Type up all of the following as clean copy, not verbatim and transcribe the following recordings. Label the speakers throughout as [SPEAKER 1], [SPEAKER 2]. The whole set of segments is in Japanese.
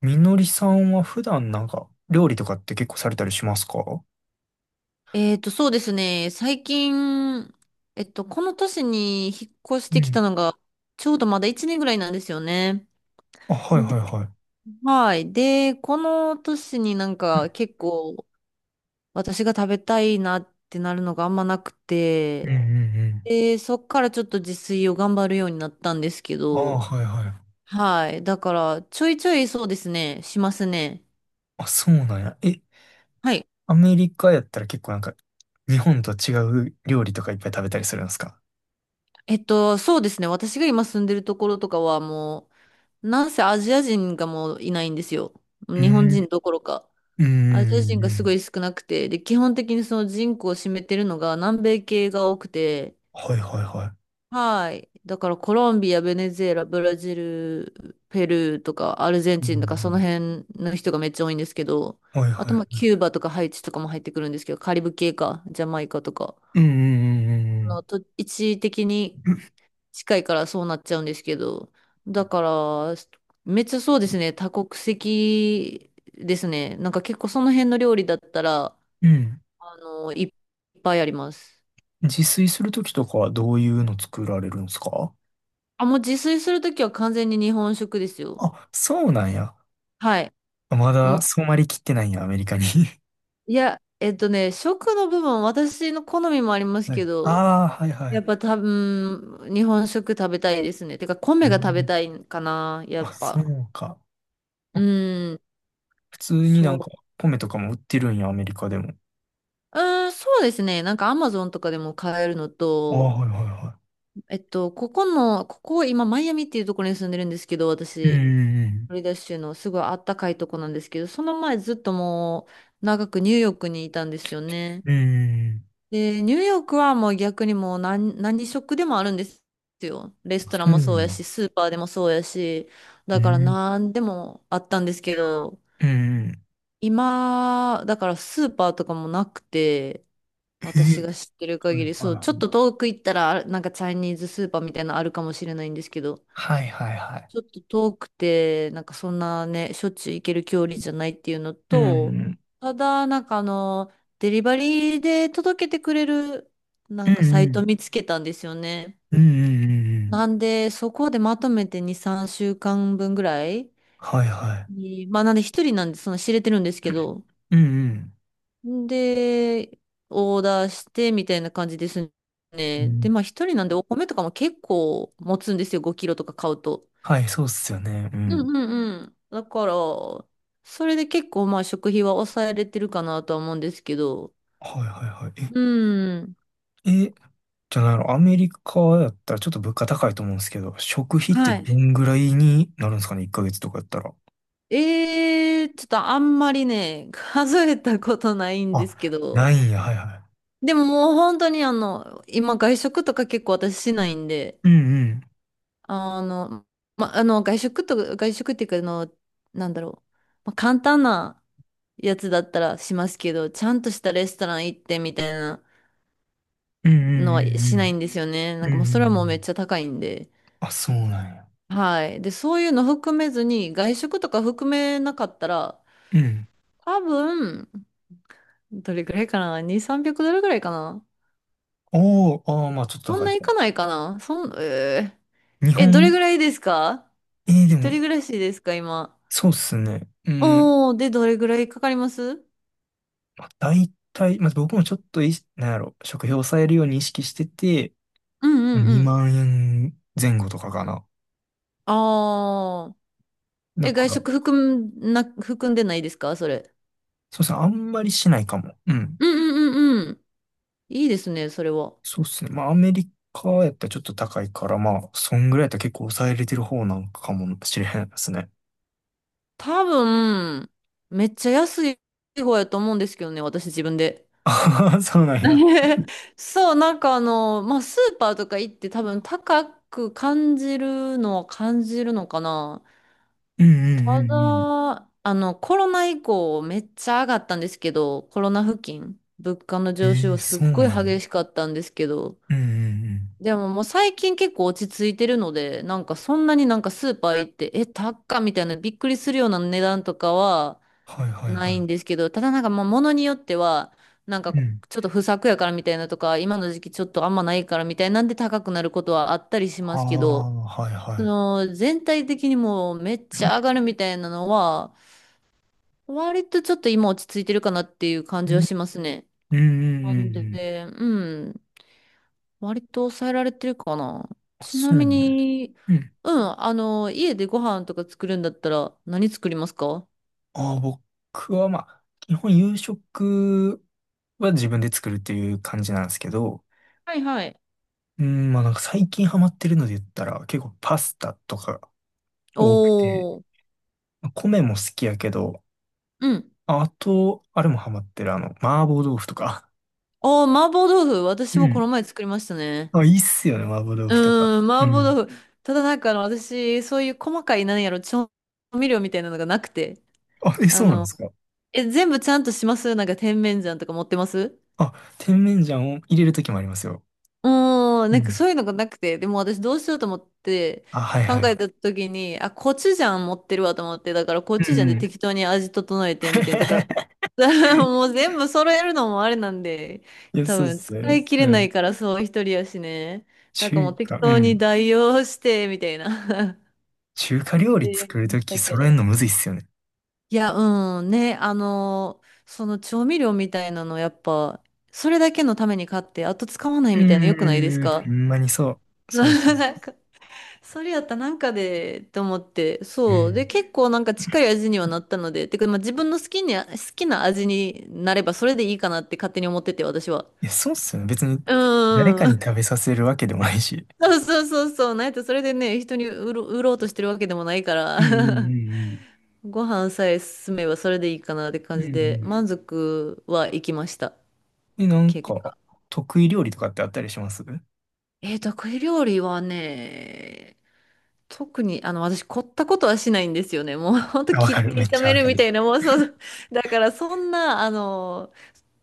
[SPEAKER 1] みのりさんは普段なんか料理とかって結構されたりしますか？
[SPEAKER 2] そうですね。最近、この年に引っ越し
[SPEAKER 1] う
[SPEAKER 2] てきた
[SPEAKER 1] ん。
[SPEAKER 2] のが、ちょうどまだ1年ぐらいなんですよね。
[SPEAKER 1] あ、はいは
[SPEAKER 2] で、
[SPEAKER 1] いはい。
[SPEAKER 2] はい。で、この年になんか結構私が食べたいなってなるのがあんまなく
[SPEAKER 1] うん
[SPEAKER 2] て、
[SPEAKER 1] ね。
[SPEAKER 2] で、そっからちょっと自炊を頑張るようになったんですけ
[SPEAKER 1] うんうん。ああ、
[SPEAKER 2] ど、
[SPEAKER 1] はいはい。
[SPEAKER 2] はい。だから、ちょいちょいそうですね、しますね。
[SPEAKER 1] あ、そうなんや。
[SPEAKER 2] はい。
[SPEAKER 1] アメリカやったら結構なんか日本と違う料理とかいっぱい食べたりするんですか？
[SPEAKER 2] そうですね。私が今住んでるところとかはもう、なんせアジア人がもういないんですよ。
[SPEAKER 1] う
[SPEAKER 2] 日本人
[SPEAKER 1] ん。
[SPEAKER 2] どころか。
[SPEAKER 1] うんう
[SPEAKER 2] アジア人
[SPEAKER 1] んう
[SPEAKER 2] がすご
[SPEAKER 1] ん。
[SPEAKER 2] い少なくて、で、基本的にその人口を占めてるのが南米系が多くて、
[SPEAKER 1] はいはいはい。
[SPEAKER 2] はい。だからコロンビア、ベネズエラ、ブラジル、ペルーとかアルゼン
[SPEAKER 1] う
[SPEAKER 2] チンとかその
[SPEAKER 1] ん
[SPEAKER 2] 辺の人がめっちゃ多いんですけど、
[SPEAKER 1] うん、はい
[SPEAKER 2] あと
[SPEAKER 1] は
[SPEAKER 2] まあ
[SPEAKER 1] い。
[SPEAKER 2] キューバとかハイチとかも入ってくるんですけど、カリブ系か、ジャマイカとか、
[SPEAKER 1] うんうんう
[SPEAKER 2] あの
[SPEAKER 1] ん
[SPEAKER 2] と一時的に
[SPEAKER 1] うん。
[SPEAKER 2] 近いからそうなっちゃうんですけど。だから、めっちゃそうですね、多国籍ですね。なんか結構その辺の料理だったら、
[SPEAKER 1] うん。うん、
[SPEAKER 2] いっぱいあります。
[SPEAKER 1] 自炊するときとかはどういうの作られるんですか？
[SPEAKER 2] あ、もう自炊するときは完全に日本食ですよ。
[SPEAKER 1] あ、そうなんや。
[SPEAKER 2] はい。
[SPEAKER 1] ま
[SPEAKER 2] も
[SPEAKER 1] だ
[SPEAKER 2] う、
[SPEAKER 1] 染まりきってないんや、アメリカに。
[SPEAKER 2] いや、食の部分、私の好みもあります
[SPEAKER 1] は
[SPEAKER 2] け
[SPEAKER 1] い。
[SPEAKER 2] ど、
[SPEAKER 1] ああ、はい
[SPEAKER 2] や
[SPEAKER 1] は
[SPEAKER 2] っぱ多分、日本食食べたいですね。てか、
[SPEAKER 1] い。え
[SPEAKER 2] 米が食べた
[SPEAKER 1] ー、
[SPEAKER 2] いかな、やっ
[SPEAKER 1] あ、そ
[SPEAKER 2] ぱ。
[SPEAKER 1] うか。
[SPEAKER 2] う
[SPEAKER 1] あ、
[SPEAKER 2] ん。
[SPEAKER 1] 普通にな
[SPEAKER 2] そ
[SPEAKER 1] んか
[SPEAKER 2] う。
[SPEAKER 1] 米とかも売ってるんや、アメリカでも。
[SPEAKER 2] うそうですね。なんかアマゾンとかでも買えるの
[SPEAKER 1] ああ、
[SPEAKER 2] と、
[SPEAKER 1] はいはいは
[SPEAKER 2] ここ今マイアミっていうところに住んでるんですけど、
[SPEAKER 1] い。う
[SPEAKER 2] 私、
[SPEAKER 1] ん、
[SPEAKER 2] フロリダ州のすごいあったかいとこなんですけど、その前ずっともう長くニューヨークにいたんですよね。
[SPEAKER 1] うんうん、うんい。
[SPEAKER 2] で、ニューヨークはもう逆にもう何食でもあるんですよ。レス
[SPEAKER 1] あ、
[SPEAKER 2] トラ
[SPEAKER 1] そ
[SPEAKER 2] ン
[SPEAKER 1] う
[SPEAKER 2] も
[SPEAKER 1] な
[SPEAKER 2] そうや
[SPEAKER 1] んや。
[SPEAKER 2] し、スーパーでもそうやし、
[SPEAKER 1] う
[SPEAKER 2] だから
[SPEAKER 1] ん
[SPEAKER 2] 何でもあったんですけど、
[SPEAKER 1] うん。
[SPEAKER 2] 今、だからスーパーとかもなくて、
[SPEAKER 1] へえ。
[SPEAKER 2] 私が知ってる
[SPEAKER 1] はい
[SPEAKER 2] 限り、そう、
[SPEAKER 1] は
[SPEAKER 2] ちょ
[SPEAKER 1] い
[SPEAKER 2] っ
[SPEAKER 1] は
[SPEAKER 2] と
[SPEAKER 1] い。
[SPEAKER 2] 遠く行ったら、なんかチャイニーズスーパーみたいなのあるかもしれないんですけど、
[SPEAKER 1] はいはいはい。
[SPEAKER 2] ちょっと遠くて、なんかそんなね、しょっちゅう行ける距離じゃないっていうの
[SPEAKER 1] う
[SPEAKER 2] と、
[SPEAKER 1] ん、
[SPEAKER 2] ただ、なんかデリバリーで届けてくれる、な
[SPEAKER 1] う
[SPEAKER 2] んかサイト
[SPEAKER 1] ん、
[SPEAKER 2] 見つけたんですよね。
[SPEAKER 1] うん、うん、うん、うんうんうん。
[SPEAKER 2] なんで、そこでまとめて2、3週間分ぐらい
[SPEAKER 1] はいは
[SPEAKER 2] になんで一人なんで、その知れてるんですけど、
[SPEAKER 1] い。うん、うん。
[SPEAKER 2] で、オーダーしてみたいな感じです
[SPEAKER 1] う
[SPEAKER 2] ね。で、
[SPEAKER 1] ん、
[SPEAKER 2] まあ一人なんでお米とかも結構持つんですよ。5キロとか買うと。
[SPEAKER 1] はい、そうっすよね。う
[SPEAKER 2] う
[SPEAKER 1] ん。
[SPEAKER 2] んうんうん。だから、それで結構まあ食費は抑えれてるかなとは思うんですけど。
[SPEAKER 1] はいはいはい。
[SPEAKER 2] うん。
[SPEAKER 1] え、じゃあないの、アメリカやったらちょっと物価高いと思うんですけど、食費って
[SPEAKER 2] は
[SPEAKER 1] ど
[SPEAKER 2] い。
[SPEAKER 1] んぐらいになるんですかね、1ヶ月とかやったら？
[SPEAKER 2] ええちょっとあんまりね、数えたことないんですけ
[SPEAKER 1] あ、
[SPEAKER 2] ど。
[SPEAKER 1] ないんや、はいは
[SPEAKER 2] でももう本当に今外食とか結構私しないんで。
[SPEAKER 1] い。うんうん。
[SPEAKER 2] あの、ま、あの、外食っていうか、なんだろう。まあ、簡単なやつだったらしますけど、ちゃんとしたレストラン行ってみたいな
[SPEAKER 1] うんう
[SPEAKER 2] のはしない
[SPEAKER 1] ん
[SPEAKER 2] んですよね。な
[SPEAKER 1] う
[SPEAKER 2] ん
[SPEAKER 1] んうん。
[SPEAKER 2] か
[SPEAKER 1] うん
[SPEAKER 2] も
[SPEAKER 1] う
[SPEAKER 2] うそれ
[SPEAKER 1] ん
[SPEAKER 2] は
[SPEAKER 1] う
[SPEAKER 2] もうめっ
[SPEAKER 1] ん。
[SPEAKER 2] ちゃ高いんで。
[SPEAKER 1] あ、そうなんや。
[SPEAKER 2] はい。で、そういうの含めずに、外食とか含めなかったら、
[SPEAKER 1] うん。
[SPEAKER 2] 多分、どれぐらいかな？ 2、300ドルぐらいかな。
[SPEAKER 1] おー、あー、まあちょっと
[SPEAKER 2] そん
[SPEAKER 1] 高い
[SPEAKER 2] ない
[SPEAKER 1] か。
[SPEAKER 2] かないかな。そん、え
[SPEAKER 1] 日
[SPEAKER 2] ー、え、どれ
[SPEAKER 1] 本、
[SPEAKER 2] ぐらいですか？
[SPEAKER 1] えー、で
[SPEAKER 2] 一
[SPEAKER 1] も、
[SPEAKER 2] 人暮らしですか、今？
[SPEAKER 1] そうっすね。うん。
[SPEAKER 2] おー、で、どれぐらいかかります？
[SPEAKER 1] まあ、大体、まあ僕もちょっとい、なんやろ、食費を抑えるように意識してて、
[SPEAKER 2] うん
[SPEAKER 1] まあ
[SPEAKER 2] うんうん。
[SPEAKER 1] 2万円前後とかかな。
[SPEAKER 2] ああ。
[SPEAKER 1] だ
[SPEAKER 2] え、
[SPEAKER 1] か
[SPEAKER 2] 外
[SPEAKER 1] ら、
[SPEAKER 2] 食含んでないですかそれ？
[SPEAKER 1] そうっすね、あんまりしないかも。うん。
[SPEAKER 2] うんうんうんうん。いいですね、それは。
[SPEAKER 1] そうっすね。まあ、アメリカやったらちょっと高いから、まあ、そんぐらいやったら結構抑えれてる方なんかもしれへんですね。
[SPEAKER 2] 多分、めっちゃ安い方やと思うんですけどね、私自分で。
[SPEAKER 1] ああ、そうなんや。
[SPEAKER 2] そう、なんかまあ、スーパーとか行って多分高く感じるのは感じるのかな。
[SPEAKER 1] うんうんう
[SPEAKER 2] た
[SPEAKER 1] ん
[SPEAKER 2] だ、コロナ以降めっちゃ上がったんですけど、コロナ付近、物価の
[SPEAKER 1] うん。
[SPEAKER 2] 上
[SPEAKER 1] え
[SPEAKER 2] 昇
[SPEAKER 1] え、
[SPEAKER 2] すっ
[SPEAKER 1] そう
[SPEAKER 2] ごい
[SPEAKER 1] なん
[SPEAKER 2] 激
[SPEAKER 1] や。
[SPEAKER 2] しかったんですけど、
[SPEAKER 1] うんうんうん。
[SPEAKER 2] でももう最近結構落ち着いてるので、なんかそんなになんかスーパー行って、え、高っみたいなびっくりするような値段とかは
[SPEAKER 1] はいはい
[SPEAKER 2] ない
[SPEAKER 1] は
[SPEAKER 2] んですけど、ただなんかまあ物によっては、なんか
[SPEAKER 1] い。うん。
[SPEAKER 2] ちょっと不作やからみたいなとか、今の時期ちょっとあんまないからみたいなんで高くなることはあったりし
[SPEAKER 1] あ
[SPEAKER 2] ますけど、
[SPEAKER 1] あ、はい
[SPEAKER 2] そ
[SPEAKER 1] はい。
[SPEAKER 2] の全体的にもうめっちゃ上がるみたいなのは、割とちょっと今落ち着いてるかなっていう感
[SPEAKER 1] う
[SPEAKER 2] じ
[SPEAKER 1] ん
[SPEAKER 2] はしますね。
[SPEAKER 1] うんうん
[SPEAKER 2] な
[SPEAKER 1] う
[SPEAKER 2] ん
[SPEAKER 1] んうん。
[SPEAKER 2] で、うん。割と抑えられてるかな。
[SPEAKER 1] あ、
[SPEAKER 2] ちな
[SPEAKER 1] そう
[SPEAKER 2] み
[SPEAKER 1] ね。
[SPEAKER 2] に、
[SPEAKER 1] うん。
[SPEAKER 2] うん、家でご飯とか作るんだったら何作りますか？
[SPEAKER 1] ああ、僕はまあ、基本夕食は自分で作るっていう感じなんですけど、
[SPEAKER 2] はいはい。
[SPEAKER 1] うん、まあなんか最近ハマってるので言ったら、結構パスタとか多くて。
[SPEAKER 2] おー、
[SPEAKER 1] 米も好きやけど、
[SPEAKER 2] うん。
[SPEAKER 1] あと、あれもハマってる、あの、麻婆豆腐とか。
[SPEAKER 2] おー、麻婆豆腐。
[SPEAKER 1] う
[SPEAKER 2] 私もこの
[SPEAKER 1] ん。
[SPEAKER 2] 前作りました ね。
[SPEAKER 1] あ、いいっすよね、麻婆豆
[SPEAKER 2] う
[SPEAKER 1] 腐とか。
[SPEAKER 2] ーん、
[SPEAKER 1] う
[SPEAKER 2] 麻婆
[SPEAKER 1] ん。
[SPEAKER 2] 豆腐。ただなんか私、そういう細かい、なんやろ、調味料みたいなのがなくて。
[SPEAKER 1] あ、え、
[SPEAKER 2] あ
[SPEAKER 1] そうなんで
[SPEAKER 2] の、
[SPEAKER 1] すか？
[SPEAKER 2] え、全部ちゃんとします？なんか甜麺醤とか持ってます？
[SPEAKER 1] あ、甜麺醤を入れるときもありますよ。
[SPEAKER 2] うん、
[SPEAKER 1] う
[SPEAKER 2] なんか
[SPEAKER 1] ん。
[SPEAKER 2] そういうのがなくて、でも私どうしようと思って
[SPEAKER 1] あ、はい
[SPEAKER 2] 考
[SPEAKER 1] はい。
[SPEAKER 2] えた時に、あ、コチュジャン持ってるわと思って、だからコ
[SPEAKER 1] う
[SPEAKER 2] チュジャンで
[SPEAKER 1] ん。
[SPEAKER 2] 適当に味整えてみて、だか ら もう全部揃えるのもあれなんで、
[SPEAKER 1] いや、
[SPEAKER 2] 多
[SPEAKER 1] そうっ
[SPEAKER 2] 分
[SPEAKER 1] すよ
[SPEAKER 2] 使
[SPEAKER 1] ね。
[SPEAKER 2] い切れ
[SPEAKER 1] う
[SPEAKER 2] ない
[SPEAKER 1] ん。
[SPEAKER 2] からそう一人やしね。なんかも
[SPEAKER 1] 中
[SPEAKER 2] う適
[SPEAKER 1] 華、う
[SPEAKER 2] 当に
[SPEAKER 1] ん。
[SPEAKER 2] 代用してみたいな
[SPEAKER 1] 中華 料理
[SPEAKER 2] でや
[SPEAKER 1] 作
[SPEAKER 2] り
[SPEAKER 1] る
[SPEAKER 2] まし
[SPEAKER 1] と
[SPEAKER 2] た
[SPEAKER 1] き
[SPEAKER 2] け
[SPEAKER 1] 揃える
[SPEAKER 2] ど。
[SPEAKER 1] のむずいっすよね。
[SPEAKER 2] いや、うんね、その調味料みたいなのやっぱ、それだけのために買って、あと使わない
[SPEAKER 1] うー
[SPEAKER 2] みたいなの良くないです
[SPEAKER 1] ん。うん、
[SPEAKER 2] か？
[SPEAKER 1] ほんまにそ う。そうっすね。
[SPEAKER 2] なんか それやったらなんかで、と思って、
[SPEAKER 1] う
[SPEAKER 2] そう。で、
[SPEAKER 1] ん、
[SPEAKER 2] 結構なんか近い味にはなったので、てか、まあ、自分の好きに、好きな味になればそれでいいかなって勝手に思ってて、私は。
[SPEAKER 1] いや、そうっすよね。別に
[SPEAKER 2] うん
[SPEAKER 1] 誰か
[SPEAKER 2] ん
[SPEAKER 1] に食
[SPEAKER 2] ん。
[SPEAKER 1] べさせるわけでもないし。
[SPEAKER 2] そうそうそうそう。なんやったらそれでね、人に売ろうとしてるわけでもないから、
[SPEAKER 1] うん うん
[SPEAKER 2] ご飯さえ進めばそれでいいかなって
[SPEAKER 1] う
[SPEAKER 2] 感
[SPEAKER 1] んうん。
[SPEAKER 2] じ
[SPEAKER 1] うんう
[SPEAKER 2] で、
[SPEAKER 1] ん。
[SPEAKER 2] 満足はいきました。
[SPEAKER 1] え、なん
[SPEAKER 2] 結
[SPEAKER 1] か、
[SPEAKER 2] 果。
[SPEAKER 1] 得意料理とかってあったりします？うん。
[SPEAKER 2] えー、得意料理はね、特に、私、凝ったことはしないんですよね。もう、ほんと
[SPEAKER 1] あ、わ
[SPEAKER 2] 切
[SPEAKER 1] か
[SPEAKER 2] っ
[SPEAKER 1] る。め
[SPEAKER 2] て
[SPEAKER 1] っ
[SPEAKER 2] 炒
[SPEAKER 1] ちゃ
[SPEAKER 2] め
[SPEAKER 1] わ
[SPEAKER 2] る
[SPEAKER 1] か
[SPEAKER 2] み
[SPEAKER 1] る。
[SPEAKER 2] たいな、もう、そう、だから、そんな、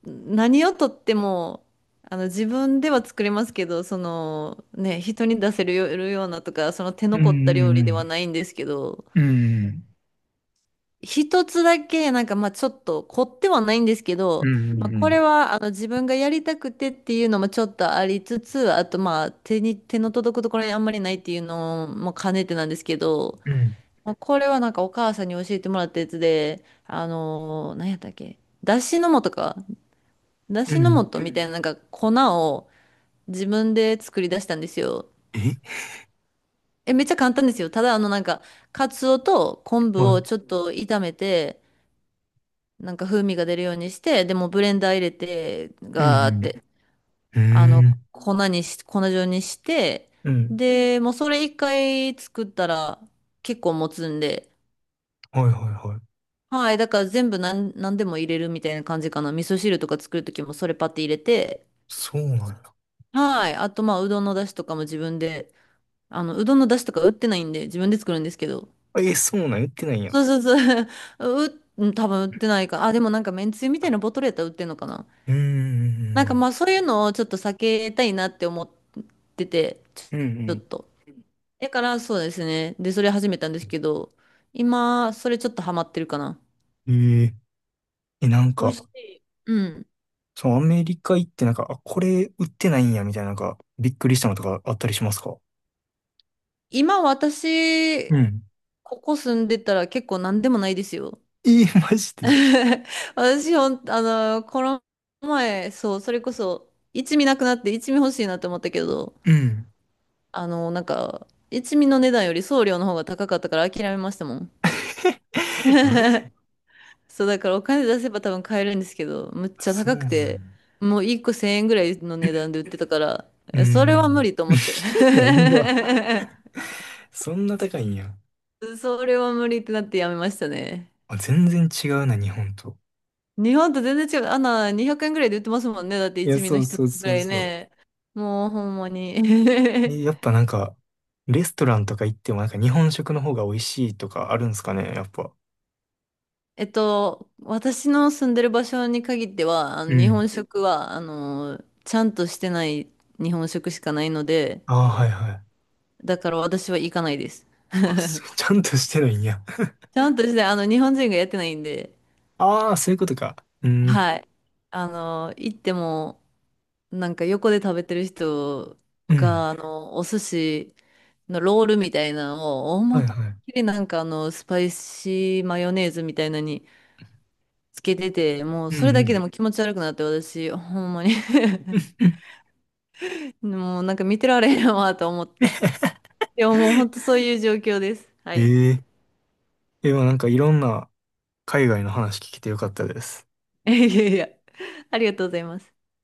[SPEAKER 2] 何をとっても、自分では作れますけど、その、ね、人に出せるよようなとか、その手
[SPEAKER 1] う
[SPEAKER 2] の凝った
[SPEAKER 1] ん
[SPEAKER 2] 料
[SPEAKER 1] う
[SPEAKER 2] 理では
[SPEAKER 1] ん
[SPEAKER 2] ないんですけど、
[SPEAKER 1] うん。
[SPEAKER 2] 一つだけ、なんか、まあ、ちょっと凝ってはないんですけ
[SPEAKER 1] う
[SPEAKER 2] ど、
[SPEAKER 1] んう
[SPEAKER 2] まあ、
[SPEAKER 1] んう
[SPEAKER 2] これ
[SPEAKER 1] ん。
[SPEAKER 2] は、自分がやりたくてっていうのもちょっとありつつ、あと、まあ、手の届くところにあんまりないっていうのも兼ねてなんですけど、
[SPEAKER 1] うん
[SPEAKER 2] まあ、これはなんかお母さんに教えてもらったやつで、何やったっけだしの素か。だ
[SPEAKER 1] う
[SPEAKER 2] し
[SPEAKER 1] ん
[SPEAKER 2] の
[SPEAKER 1] う
[SPEAKER 2] 素
[SPEAKER 1] ん。
[SPEAKER 2] とみたいななんか粉を自分で作り出したんですよ。
[SPEAKER 1] え、
[SPEAKER 2] え、めっちゃ簡単ですよ。ただなんか、カツオと昆布
[SPEAKER 1] は
[SPEAKER 2] を
[SPEAKER 1] い。
[SPEAKER 2] ちょっと炒めて、なんか風味が出るようにして、でもブレンダー入れて、
[SPEAKER 1] う
[SPEAKER 2] ガーっ
[SPEAKER 1] ん
[SPEAKER 2] て、
[SPEAKER 1] うん。うーん。
[SPEAKER 2] 粉状にして、
[SPEAKER 1] うん。
[SPEAKER 2] で、もうそれ一回作ったら結構持つんで、
[SPEAKER 1] はいはいはい。
[SPEAKER 2] はい。だから全部何でも入れるみたいな感じかな。味噌汁とか作るときもそれパッて入れて。
[SPEAKER 1] そうなん
[SPEAKER 2] はい。あと、まあ、うどんの出汁とかも自分で、うどんの出汁とか売ってないんで、自分で作るんですけど。
[SPEAKER 1] だ。え、そうなん、言ってないやん。
[SPEAKER 2] そうそうそう。うん多分売ってないか。あ、でもなんかめんつゆみたいなボトルやったら売ってんのかな。
[SPEAKER 1] う
[SPEAKER 2] なんか
[SPEAKER 1] ん
[SPEAKER 2] まあ、そういうのをちょっと避けたいなって思ってて、
[SPEAKER 1] うんうん。
[SPEAKER 2] ち
[SPEAKER 1] う
[SPEAKER 2] ょっ
[SPEAKER 1] ん
[SPEAKER 2] と。だから、そうですね。で、それ始めたんですけど、今、それちょっとハマってるかな。
[SPEAKER 1] うん。えー、え、なん
[SPEAKER 2] 美味
[SPEAKER 1] か、
[SPEAKER 2] しい。うん
[SPEAKER 1] そのアメリカ行ってなんか、あ、これ売ってないんやみたいな、なんか、びっくりしたのとかあったりしますか？
[SPEAKER 2] 今私、
[SPEAKER 1] うん。
[SPEAKER 2] ここ住んでたら結構何でもないですよ。
[SPEAKER 1] えー、マジで？
[SPEAKER 2] 私ほん、あの、この前、そう、それこそ、一味なくなって一味欲しいなって思ったけど、
[SPEAKER 1] うん。
[SPEAKER 2] なんか、一味の値段より送料の方が高かったから諦めましたもん。
[SPEAKER 1] マジ。
[SPEAKER 2] そう、だからお金出せば多分買えるんですけど、むっ
[SPEAKER 1] あ、
[SPEAKER 2] ちゃ
[SPEAKER 1] そう
[SPEAKER 2] 高く
[SPEAKER 1] なんや。
[SPEAKER 2] て、もう一個千円ぐらいの値段で売ってたから、
[SPEAKER 1] うー
[SPEAKER 2] それは無
[SPEAKER 1] ん。
[SPEAKER 2] 理と思って。
[SPEAKER 1] いや、う ま。そんな高いんや。
[SPEAKER 2] それは無理ってなってやめましたね。
[SPEAKER 1] あ、全然違うな、日本と。
[SPEAKER 2] 日本と全然違う。あんな200円ぐらいで売ってますもんね。だって
[SPEAKER 1] いや、
[SPEAKER 2] 一味
[SPEAKER 1] そ
[SPEAKER 2] の
[SPEAKER 1] う
[SPEAKER 2] 一つ
[SPEAKER 1] そう
[SPEAKER 2] ぐ
[SPEAKER 1] そ
[SPEAKER 2] ら
[SPEAKER 1] う
[SPEAKER 2] い
[SPEAKER 1] そう。
[SPEAKER 2] ね。もうほんまに。
[SPEAKER 1] え、やっぱなんか、レストランとか行ってもなんか日本食の方が美味しいとかあるんすかね、やっぱ。
[SPEAKER 2] 私の住んでる場所に限っては、あ
[SPEAKER 1] う
[SPEAKER 2] の日
[SPEAKER 1] ん。
[SPEAKER 2] 本食は、ちゃんとしてない日本食しかないので、
[SPEAKER 1] ああ、はいはい。
[SPEAKER 2] だから私は行かないです。
[SPEAKER 1] あ、そう、ちゃんとしてないんや。
[SPEAKER 2] ちゃんとして、日本人がやってないんで、
[SPEAKER 1] ああ、そういうことか。うん、
[SPEAKER 2] はい。行っても、なんか横で食べてる人
[SPEAKER 1] うん、
[SPEAKER 2] が、お寿司のロールみたいなのを、
[SPEAKER 1] は
[SPEAKER 2] 思い
[SPEAKER 1] い
[SPEAKER 2] っ
[SPEAKER 1] はい。
[SPEAKER 2] きりなんかスパイシーマヨネーズみたいなのにつけてて、もう
[SPEAKER 1] うん
[SPEAKER 2] それ
[SPEAKER 1] う
[SPEAKER 2] だけ
[SPEAKER 1] ん。
[SPEAKER 2] でも気持ち悪くなって、私、ほんまに もうなんか見てられへんわと思って。でももうほんとそういう状況です。は
[SPEAKER 1] え、
[SPEAKER 2] い。
[SPEAKER 1] え、え、まあなんかいろんな海外の話聞けてよかったです。
[SPEAKER 2] いやいやいや、ありがとうございます。